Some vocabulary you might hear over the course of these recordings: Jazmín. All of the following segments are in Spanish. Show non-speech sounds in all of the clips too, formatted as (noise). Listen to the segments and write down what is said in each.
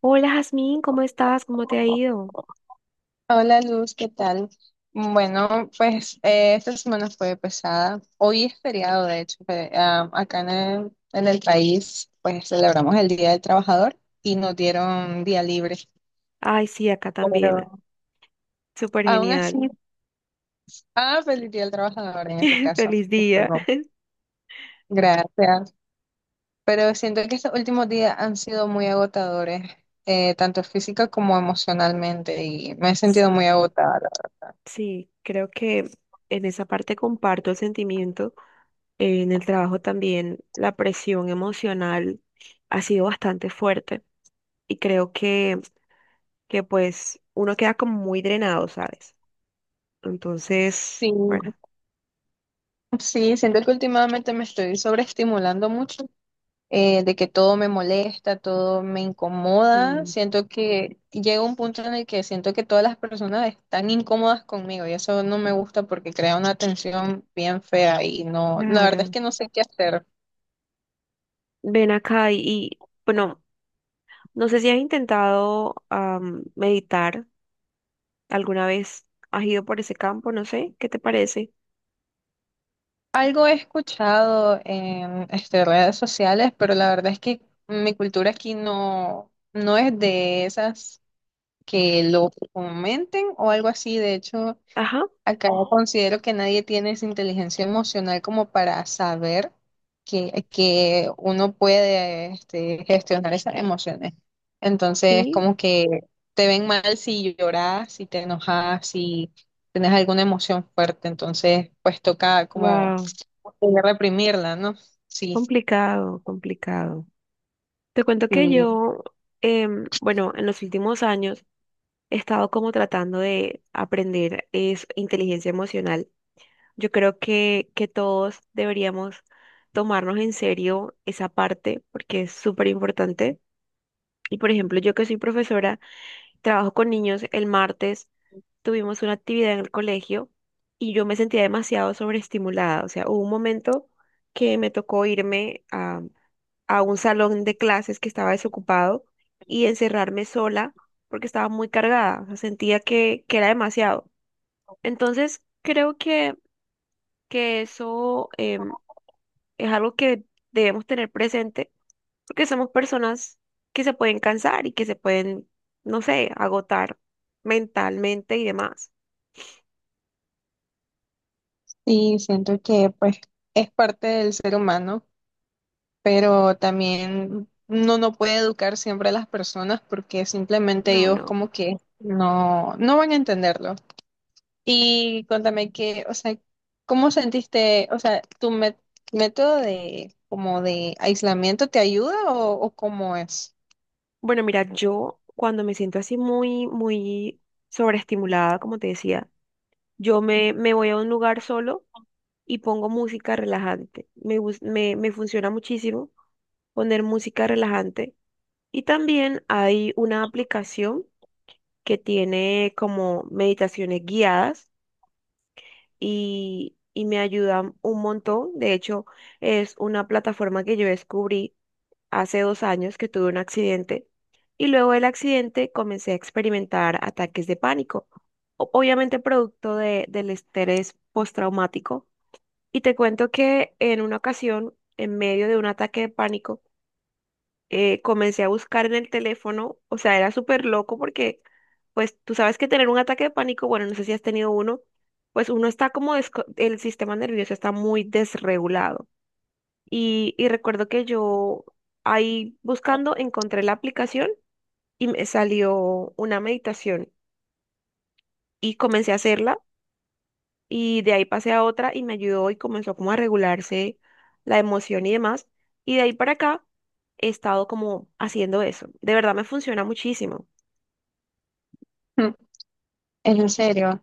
Hola Jazmín, ¿cómo estás? ¿Cómo te ha ido? Hola Luz, ¿qué tal? Bueno, pues esta semana fue pesada. Hoy es feriado, de hecho, acá en el país, pues celebramos el Día del Trabajador y nos dieron día libre. Ay, sí, acá también. Pero Súper aún así, genial. Feliz Día del Trabajador en este (laughs) caso. Feliz día. Disculpa. Gracias. Pero siento que estos últimos días han sido muy agotadores, tanto física como emocionalmente, y me he sentido muy Sí, agotada. sí, creo que en esa parte comparto el sentimiento. En el trabajo también la presión emocional ha sido bastante fuerte y creo que pues uno queda como muy drenado, ¿sabes? Entonces, Sí. bueno. Sí, siento que últimamente me estoy sobreestimulando mucho, de que todo me molesta, todo me incomoda. Mm, Siento que llega un punto en el que siento que todas las personas están incómodas conmigo y eso no me gusta porque crea una tensión bien fea y no, la verdad es claro. que no sé qué hacer. Ven acá bueno, no sé si has intentado meditar. ¿Alguna vez has ido por ese campo? No sé, ¿qué te parece? Algo he escuchado en este, redes sociales, pero la verdad es que mi cultura aquí no, no es de esas que lo fomenten o algo así. De hecho, Ajá, acá yo considero que nadie tiene esa inteligencia emocional como para saber que uno puede este, gestionar esas emociones. Entonces, sí, como que te ven mal si lloras, si te enojas, si tienes alguna emoción fuerte. Entonces, pues toca como wow, reprimirla, ¿no? Sí, complicado, complicado. Te cuento que sí, yo, bueno, en los últimos años he estado como tratando de aprender es inteligencia emocional. Yo creo que todos deberíamos tomarnos en serio esa parte porque es súper importante. Y por ejemplo, yo que soy profesora, trabajo con niños, el martes tuvimos una actividad en el colegio y yo me sentía demasiado sobreestimulada. O sea, hubo un momento que me tocó irme a un salón de clases que estaba desocupado y encerrarme sola porque estaba muy cargada. O sea, sentía que era demasiado. Entonces, creo que eso es algo que debemos tener presente porque somos personas que se pueden cansar y que se pueden, no sé, agotar mentalmente y demás. sí, siento que pues es parte del ser humano. Pero también uno no puede educar siempre a las personas porque simplemente No, ellos no. como que no, no van a entenderlo. Y cuéntame que, o sea, ¿cómo sentiste, o sea, método de como de aislamiento te ayuda o cómo es? Bueno, mira, yo cuando me siento así muy, muy sobreestimulada, como te decía, yo me voy a un lugar solo y pongo música relajante. Me funciona muchísimo poner música relajante. Y también hay una aplicación que tiene como meditaciones guiadas y me ayudan un montón. De hecho, es una plataforma que yo descubrí hace 2 años que tuve un accidente y luego del accidente comencé a experimentar ataques de pánico, obviamente producto del estrés postraumático. Y te cuento que en una ocasión, en medio de un ataque de pánico, comencé a buscar en el teléfono, o sea, era súper loco porque, pues, tú sabes que tener un ataque de pánico, bueno, no sé si has tenido uno, pues uno está como, el sistema nervioso está muy desregulado. Y recuerdo que yo ahí buscando encontré la aplicación y me salió una meditación y comencé a hacerla y de ahí pasé a otra y me ayudó y comenzó como a regularse la emoción y demás. Y de ahí para acá he estado como haciendo eso. De verdad me funciona muchísimo. En serio,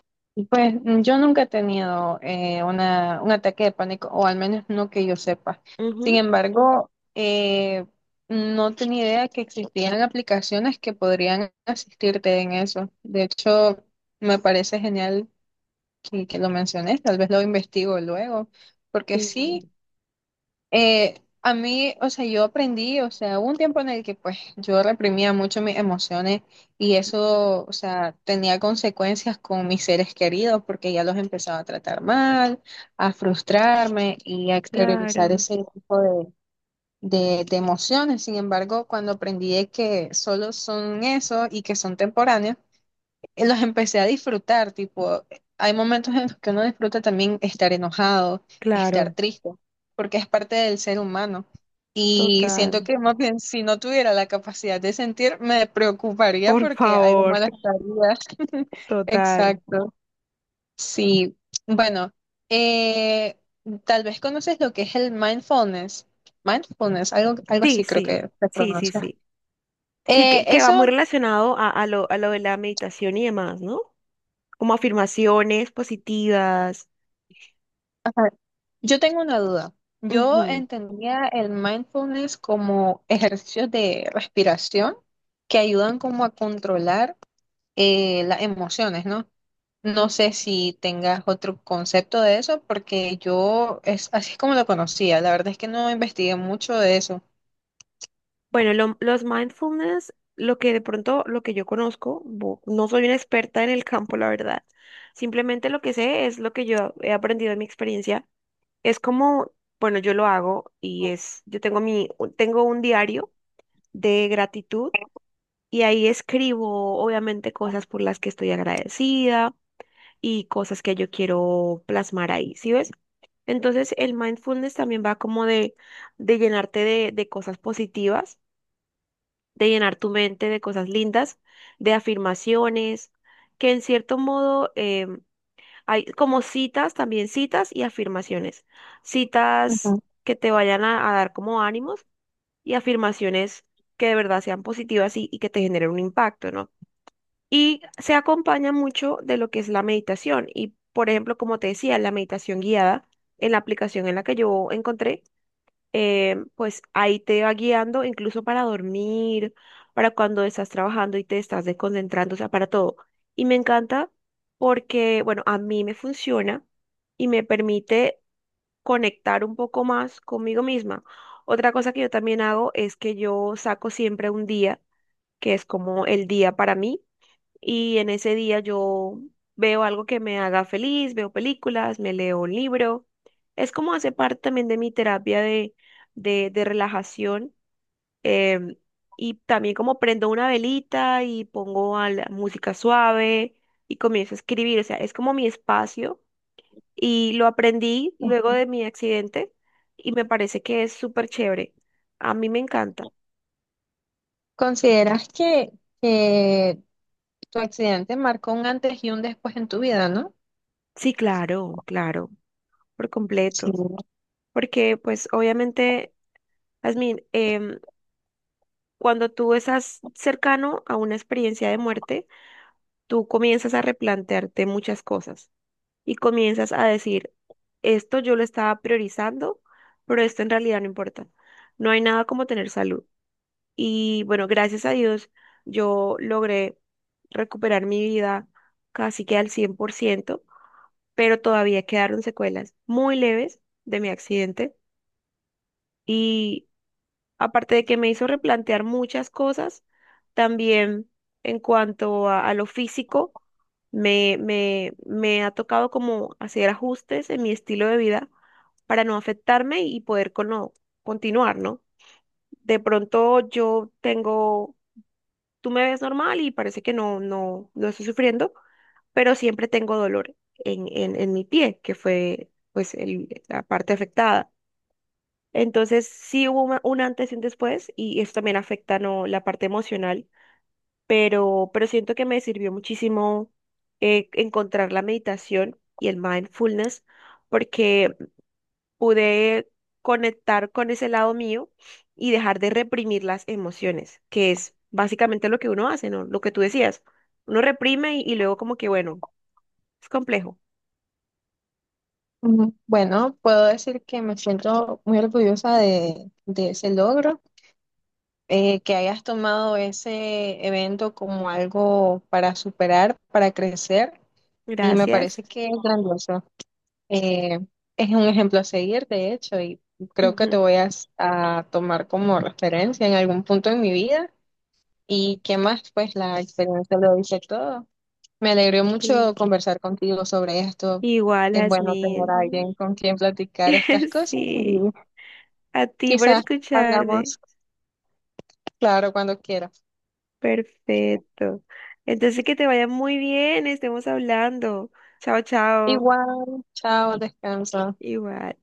pues mm, yo nunca he tenido un ataque de pánico, o al menos no que yo sepa. Sin Ujú. embargo, eh, no tenía idea que existían aplicaciones que podrían asistirte en eso. De hecho, me parece genial que lo menciones, tal vez lo investigo luego, porque Sí, sí. Eh, a mí, o sea, yo aprendí, o sea, hubo un tiempo en el que pues yo reprimía mucho mis emociones y eso, o sea, tenía consecuencias con mis seres queridos porque ya los empezaba a tratar mal, a frustrarme y a exteriorizar claro, ese tipo de emociones. Sin embargo, cuando aprendí de que solo son eso y que son temporáneos, los empecé a disfrutar, tipo, hay momentos en los que uno disfruta también estar enojado, estar claro, triste, porque es parte del ser humano. Y siento total. que más bien si no tuviera la capacidad de sentir, me preocuparía Por porque algo mal favor, estaría. (laughs) total. Exacto. Sí. Bueno, eh, tal vez conoces lo que es el mindfulness. Mindfulness, algo, algo Sí, así creo sí, que se sí, sí, pronuncia. sí. Sí, Eh, que va muy eso, relacionado a lo de la meditación y demás, ¿no? Como afirmaciones positivas. Yo tengo una duda. Yo Ujú. entendía el mindfulness como ejercicios de respiración que ayudan como a controlar las emociones, ¿no? No sé si tengas otro concepto de eso, porque yo es así es como lo conocía. La verdad es que no investigué mucho de eso. Bueno, los mindfulness, lo que de pronto, lo que yo conozco, no soy una experta en el campo, la verdad. Simplemente lo que sé es lo que yo he aprendido de mi experiencia. Es como, bueno, yo lo hago y es, yo tengo mi, tengo un diario de gratitud y ahí escribo obviamente cosas por las que estoy agradecida y cosas que yo quiero plasmar ahí, ¿sí ves? Entonces el mindfulness también va como de llenarte de cosas positivas, de llenar tu mente de cosas lindas, de afirmaciones, que en cierto modo hay como citas, también citas y afirmaciones. Citas Ujú. que te vayan a dar como ánimos y afirmaciones que de verdad sean positivas y que te generen un impacto, ¿no? Y se acompaña mucho de lo que es la meditación. Y, por ejemplo, como te decía, la meditación guiada en la aplicación en la que yo encontré pues ahí te va guiando, incluso para dormir, para cuando estás trabajando y te estás desconcentrando, o sea, para todo. Y me encanta porque, bueno, a mí me funciona y me permite conectar un poco más conmigo misma. Otra cosa que yo también hago es que yo saco siempre un día, que es como el día para mí y en ese día yo veo algo que me haga feliz, veo películas, me leo un libro. Es como hace parte también de mi terapia de relajación. em, y también como prendo una velita y pongo a la música suave y comienzo a escribir. O sea, es como mi espacio y lo aprendí luego de mi accidente y me parece que es súper chévere. A mí me encanta. ¿Consideras que tu accidente marcó un antes y un después en tu vida, ¿no? Sí, claro, claro, por Sí. completo. Porque pues obviamente Jazmín, cuando tú estás cercano a una experiencia de muerte, tú comienzas a replantearte muchas cosas y comienzas a decir, esto yo lo estaba priorizando, pero esto en realidad no importa. No hay nada como tener salud. Y bueno, gracias a Dios, yo logré recuperar mi vida casi que al 100%, pero todavía quedaron secuelas muy leves de mi accidente y aparte de que me hizo replantear muchas cosas, también en cuanto a lo físico, me ha tocado como hacer ajustes en mi estilo de vida para no afectarme y poder con continuar, ¿no? De pronto yo tengo, tú me ves normal y parece que no estoy sufriendo, pero siempre tengo dolor en, en mi pie, que fue pues la parte afectada. Entonces, sí hubo un antes y un después, y eso también afecta, ¿no?, la parte emocional, pero siento que me sirvió muchísimo encontrar la meditación y el mindfulness, porque pude conectar con ese lado mío y dejar de reprimir las emociones, que es básicamente lo que uno hace, ¿no? Lo que tú decías, uno reprime y luego como que, bueno, es complejo. Mm, bueno, puedo decir que me siento muy orgullosa de ese logro, que hayas tomado ese evento como algo para superar, para crecer, y me Gracias. parece que es grandioso. Eh, es un ejemplo a seguir, de hecho, y creo que te Ujú. voy a, a tomar como referencia en algún punto de mi vida. ¿Y qué más? Pues la experiencia lo dice todo. Me alegró mucho Sí. conversar contigo sobre esto. Igual, Es bueno tener a Jasmine. alguien con quien platicar estas (laughs) cosas Sí. y A ti por quizás escucharme. hablamos, claro, cuando quieras. Perfecto. Entonces que te vaya muy bien, estemos hablando. Chao, chao. Igual, chao, descansa. Igual.